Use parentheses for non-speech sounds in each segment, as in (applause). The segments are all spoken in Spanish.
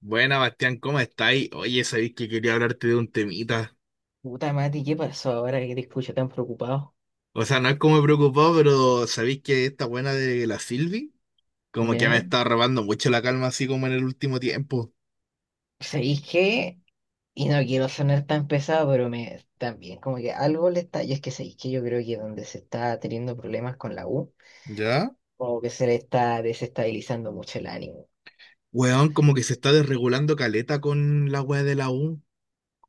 Buena, Bastián, ¿cómo estáis? Oye, sabéis que quería hablarte de un temita. Puta Mati, ¿qué pasó ahora que te escucho tan preocupado? O sea, no es como preocupado, pero sabéis que esta buena de la Silvi, como que me ¿Ya? está robando mucho la calma, así como en el último tiempo. ¿Sabéis qué? Y no quiero sonar tan pesado, pero me también, como que algo le está. Y es que sabéis que yo creo que donde se está teniendo problemas con la U, ¿Ya? como que se le está desestabilizando mucho el ánimo. Weón, como que se está desregulando caleta con la wea de la U,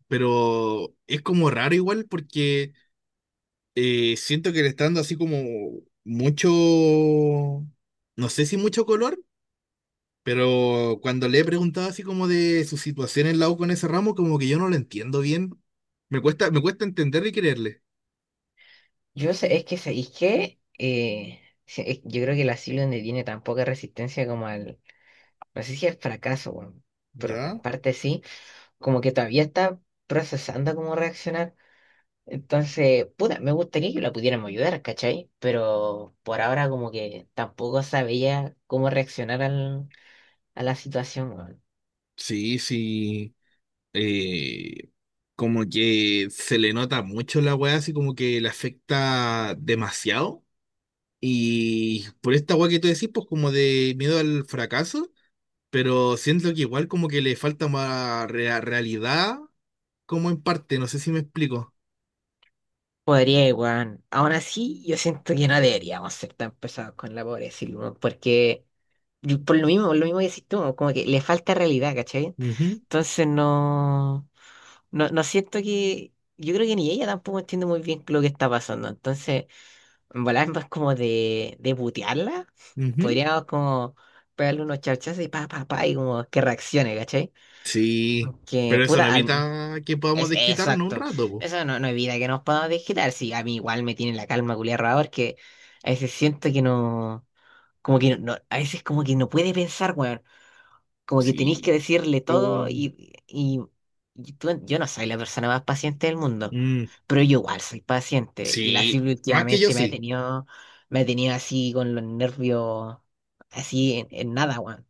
pero es como raro igual porque siento que le está dando así como mucho, no sé si mucho color. Pero cuando le he preguntado así como de su situación en la U con ese ramo, como que yo no lo entiendo bien. Me cuesta entender y creerle. Yo sé, es que ¿sabéis qué? Sí, yo creo que la Silvia no tiene tan poca resistencia como al. No sé si al fracaso, bueno, pero en ¿Ya? parte sí. Como que todavía está procesando cómo reaccionar. Entonces, puta, me gustaría que la pudiéramos ayudar, ¿cachai? Pero por ahora como que tampoco sabía cómo reaccionar a la situación, weón. Sí, sí. Eh, como que se le nota mucho la weá, así como que le afecta demasiado. Y por esta weá que tú decís, pues como de miedo al fracaso, pero siento que igual como que le falta más realidad, como en parte, no sé si me explico. Podría, weón. Aún así, yo siento que no deberíamos ser tan pesados con la pobre Silvia, weón, porque por lo mismo que decís tú, weón, como que le falta realidad, ¿cachai? Ujú, Entonces no, no siento que, yo creo que ni ella tampoco entiende muy bien lo que está pasando. Entonces... En volar es más como de butearla. ujú. Podríamos como pegarle unos charchazos y pa, pa, pa, y como que reaccione, ¿cachai? Sí, Que pero eso puta no alma. evita que podamos Es, desquitarnos un exacto. rato, po. Eso no, no evita que nos podamos digitar. Sí, a mí igual me tiene la calma culiar rara porque a veces siento que no. Como que no, a veces como que no puede pensar, weón, como que tenéis que Sí. decirle todo Oh, y, yo no soy la persona más paciente del mundo, mm, pero yo igual soy paciente y la sí, Silvia más que yo últimamente sí. Me ha tenido así con los nervios, así en nada, weón.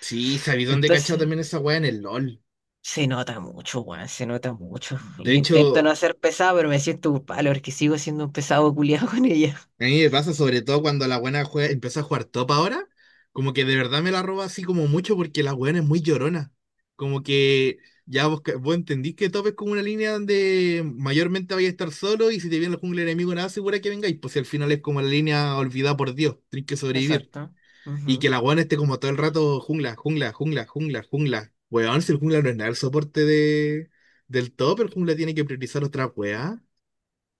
Sí, sabí dónde he cachado Entonces también esa weá en el LOL. se nota mucho, weón, se nota mucho. De Yo intento hecho, no ser pesado, pero me siento culpable porque sigo siendo un pesado culiado con ella. a mí me pasa sobre todo cuando la buena juega, empieza a jugar top ahora, como que de verdad me la roba así como mucho porque la buena es muy llorona. Como que ya vos, vos entendís que top es como una línea donde mayormente vais a estar solo y si te viene el jungla enemigo nada segura que vengáis, pues si al final es como la línea olvidada por Dios, tenés que sobrevivir. Exacto. Y Ujú. que la weón esté como todo el rato jungla, jungla, jungla, jungla, jungla. Weón, si el jungla no es nada el soporte de, del top, el jungla tiene que priorizar otra weá.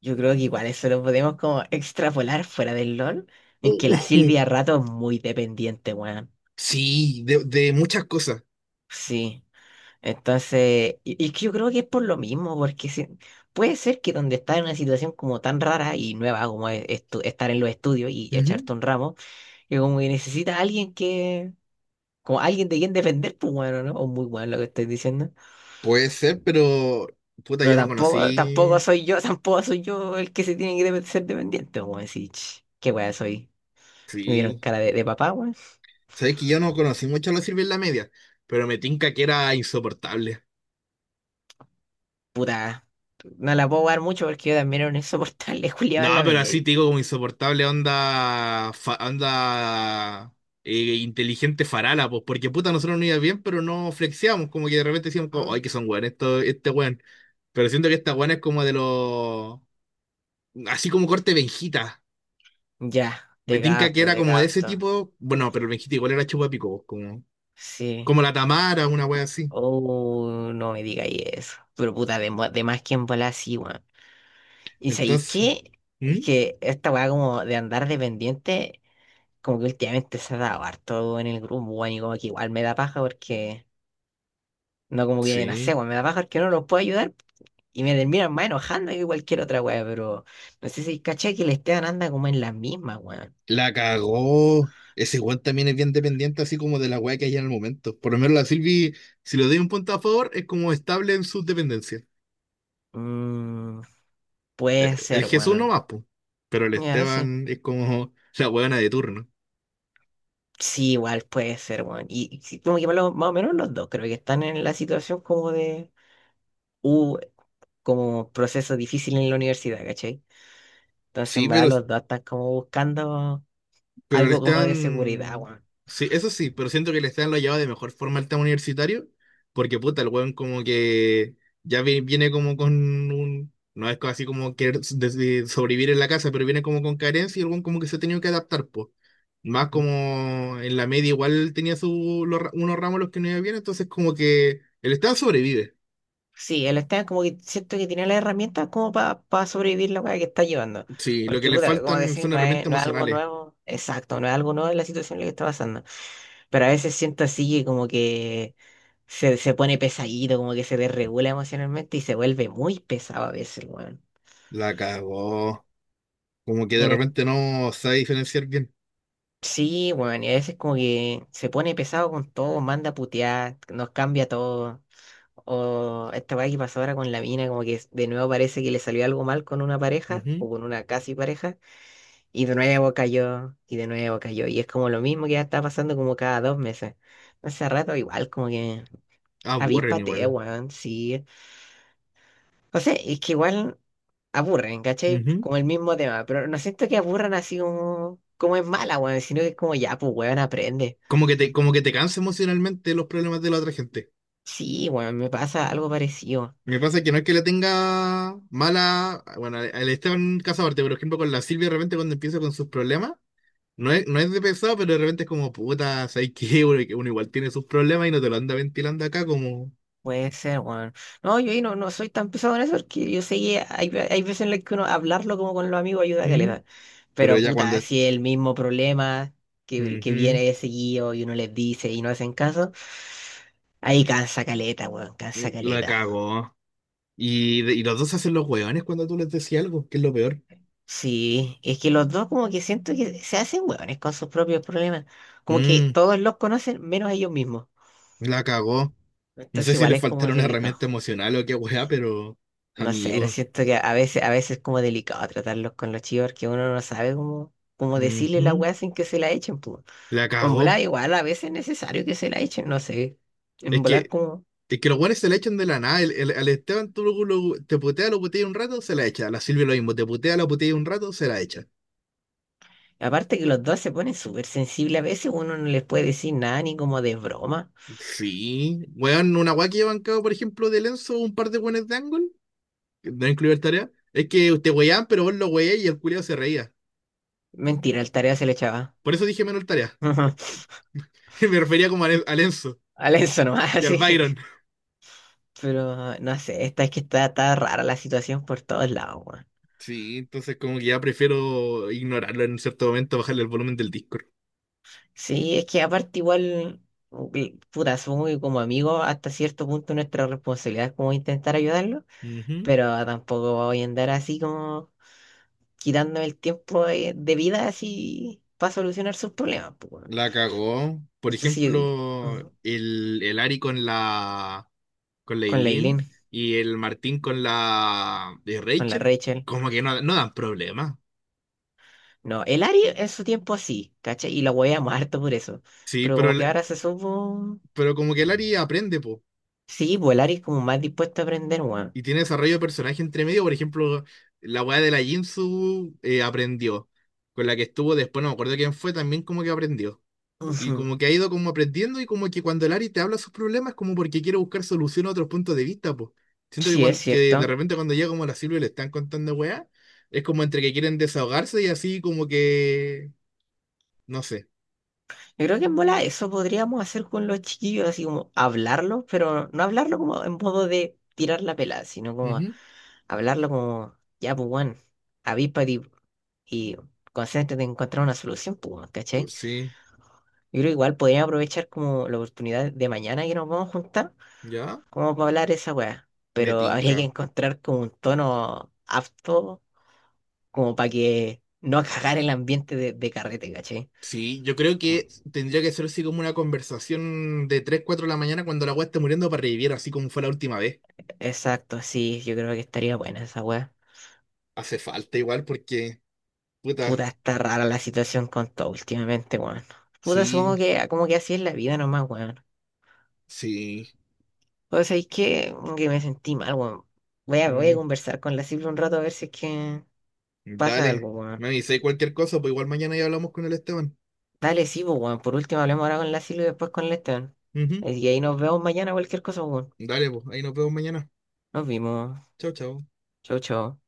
Yo creo que igual eso lo podemos como extrapolar fuera del LOL, en Oh, que la oh, oh. Silvia a rato es muy dependiente, weón. Sí, de muchas cosas. Sí, entonces, y es que yo creo que es por lo mismo, porque puede ser que donde estás en una situación como tan rara y nueva como es estar en los estudios y Ujú. echarte un ramo, que como que necesitas a alguien que, como alguien de quien depender, pues bueno, ¿no? O muy bueno lo que estoy diciendo. Puede ser, pero puta, Pero yo no tampoco, tampoco conocí. soy yo, (laughs) tampoco soy yo el que se tiene que ser dependiente, como decir, "Ch, qué weá soy. Me vieron Sí. cara de papá, weón". Sabes que yo no conocí mucho a los sirve en la media, pero me tinca que era insoportable. Puta, no la puedo dar mucho porque yo también era un insoportable, (laughs) Julián No, en la pero así media. te digo como insoportable onda, onda inteligente farala, pues, porque puta, nosotros no iba bien, pero no flexiamos, como que de repente decíamos, como, ay, que son weón, esto, este weón. Pero siento que esta weón es como de los, así como corte Benjita. Ya, Me te tinca que capto, era te como de ese capto. tipo, bueno, pero el Benjita igual era chupapico, pues, como, Sí. como la Tamara, una wea así. Oh, no me digáis eso. Pero puta, de, de más que en bola sí, weón. ¿Y sabéis Entonces, qué? Es ¿mm? que esta weá como de andar dependiente, como que últimamente se ha dado harto en el grupo, weón, y como que igual me da paja porque, no como que, no Sí. sé, weón, me da paja porque no los puedo ayudar y me terminan más enojando que cualquier otra weá, pero no sé si caché que el Esteban anda como en las mismas, weón. La cagó. Ese weón también es bien dependiente, así como de la weá que hay en el momento. Por lo menos la Silvi, si le doy un punto a favor, es como estable en sus dependencias. Mm, puede El ser, Jesús no weón. más, po. Pero el Ya, sí. Esteban es como (laughs) la weona de turno. Sí, igual puede ser, weón. Y sí, como que más o menos los dos, creo que están en la situación como de, uh, como proceso difícil en la universidad, ¿cachai? Entonces, Sí, en verdad, pero los dos están como buscando Pero le algo como de seguridad, están. weón. Sí, eso sí, pero siento que le están lo ha llevado de mejor forma al tema universitario, porque puta, el weón como que ya viene como con un. No es así como querer de sobrevivir en la casa, pero viene como con carencia y el weón como que se ha tenido que adaptar, pues. Más ¿Mm? como en la media igual tenía su, los unos ramos los que no iba bien, entonces como que el Estado sobrevive. Sí, él está como que siento que tiene las herramientas como para sobrevivir la weá que está llevando. Sí, lo que Porque, le puta, como faltan decís, son no es, herramientas no es algo emocionales. nuevo, exacto, no es algo nuevo en la situación en la que está pasando. Pero a veces siento así que como que se pone pesadito, como que se desregula emocionalmente y se vuelve muy pesado a veces, weón. La cagó. Como que Y de en repente no sabe diferenciar bien. sí, weón, y a veces como que se pone pesado con todo, manda a putear, nos cambia todo. O esta weá que pasó ahora con la mina, como que de nuevo parece que le salió algo mal con una pareja Ujú. o con una casi pareja, y de nuevo cayó, y de nuevo cayó. Y es como lo mismo que ya está pasando como cada dos meses. Hace rato igual, como que Aburren avíspate, igual. weón, sí. No sé, es que igual aburren, ¿cachai? Ujú. Como el mismo tema, pero no siento que aburran así como, como es mala, weón, sino que es como ya, pues, weón, aprende. Como que te cansa emocionalmente los problemas de la otra gente. Sí, weón, me pasa algo parecido. Me pasa que no es que le tenga mala, bueno, al Esteban Casabarte, por ejemplo, con la Silvia, de repente cuando empieza con sus problemas, no es de pesado, pero de repente es como, puta, ¿sabes qué? Uno, que uno igual tiene sus problemas y no te lo anda ventilando acá como... Puede ser, weón. No, yo ahí no, no soy tan pesado en eso, porque yo sé que hay, hay veces en las que uno hablarlo como con los amigos ayuda a Ujú. caleta. Pero Pero ella cuando... puta, es- si es el mismo problema que Ujú. viene de seguido y uno les dice y no hacen caso, ahí cansa caleta, weón, Mm, cansa la caleta. cagó. Y, de- y los dos se hacen los hueones cuando tú les decís algo, que es lo peor. Sí, es que los dos como que siento que se hacen hueones con sus propios problemas. Como que Mm, todos los conocen menos ellos mismos. la cagó. No Entonces sé si igual le es como faltaron delicado. herramienta emocional o qué hueá, pero... No sé, pero Amigo. siento que a veces es como delicado tratarlos con los chivos porque uno no sabe cómo, cómo decirle la Ujú. weá sin que se la echen, pues. La O en volar cagó. igual a veces es necesario que se la echen, no sé. En Es volar que, como... es que los buenos se la echan de la nada. Al Esteban tú te putea, lo putea un rato, se la echa. A la Silvia lo mismo, te putea, la putea un rato, se la echa. Aparte que los dos se ponen súper sensibles, a veces uno no les puede decir nada ni como de broma. Sí. Weón, una guay que yo he bancado, por ejemplo, de Lenzo, un par de buenos de Angle, que no incluye el tarea. Es que te weaban, pero vos lo weé y el culiao se reía. Mentira, el tarea se le echaba. Por eso dije menos el tarea. (laughs) (laughs) Me refería como a, a Lenzo Al eso nomás, (laughs) y al así. Byron. Pero ah, no sé, esta es que está, está rara la situación por todos lados, weón. Sí, entonces como que ya prefiero ignorarlo en cierto momento, bajarle el volumen del Discord. Sí, es que aparte igual, uy, puta, supongo que como amigos hasta cierto punto nuestra responsabilidad es como intentar ayudarlo, Ujú. pero tampoco voy a andar así como quitándome el tiempo de vida así para solucionar sus problemas, pues, weón. La cagó. No Por sé si ejemplo, ujú, el Ari con la con la Eileen Eileen, y el Martín con la de con la Rachel, Rachel. como que no, no dan problemas. No, el Ari en su tiempo sí, ¿cachai? Y la hueveamos harto por eso. Sí, Pero pero, como que el- ahora se supo... pero como que el Ari aprende, po. Sí, pues el Ari es como más dispuesto a aprender, weón. Y tiene desarrollo de personaje entre medio. Por ejemplo, la weá de la Jinsu aprendió. Con la que estuvo después, no me acuerdo quién fue, también como que aprendió. Y Ujú, como que ha ido como aprendiendo y como que cuando el Ari te habla sus problemas como porque quiere buscar solución a otros puntos de vista, pues. Siento que, sí, es cuan- que de cierto. repente cuando llega como la Silvia y le están contando weá, es como entre que quieren desahogarse y así como que, no sé. Yo creo que en bola eso podríamos hacer con los chiquillos, así como hablarlo, pero no hablarlo como en modo de tirar la pelada, sino como hablarlo como, ya, pues, weón, avíspate y concéntrate en encontrar una solución, pues, weón, Ujú. ¿cachai? Sí, Yo creo igual podríamos aprovechar como la oportunidad de mañana que nos vamos a juntar, ya, como para hablar esa weá, me pero habría tinca. que encontrar como un tono apto, como para que no cagar el ambiente de carrete, ¿cachai? Sí, yo creo que tendría que ser así como una conversación de 3 o 4 de la mañana cuando la weá esté muriendo para revivir, así como fue la última vez. Exacto, sí, yo creo que estaría buena esa weá. Hace falta igual porque, puta, Puta, está rara la situación con todo últimamente, weón. Puta, sí, supongo que como que así es la vida nomás, weón. sí. O sea, es que me sentí mal, weón. Voy a, voy a Mm. conversar con la Silvia un rato a ver si es que pasa Dale, algo, me weón. avisé cualquier cosa, pues igual mañana ya hablamos con el Esteban. Dale, sí, pues, weón. Por último, hablemos ahora con la Silvia y después con el Esteban. Ujú. Y ahí nos vemos mañana, cualquier cosa, weón. Dale, pues, ahí nos vemos mañana. Nos vimos. Chao, chao. Chau, chau.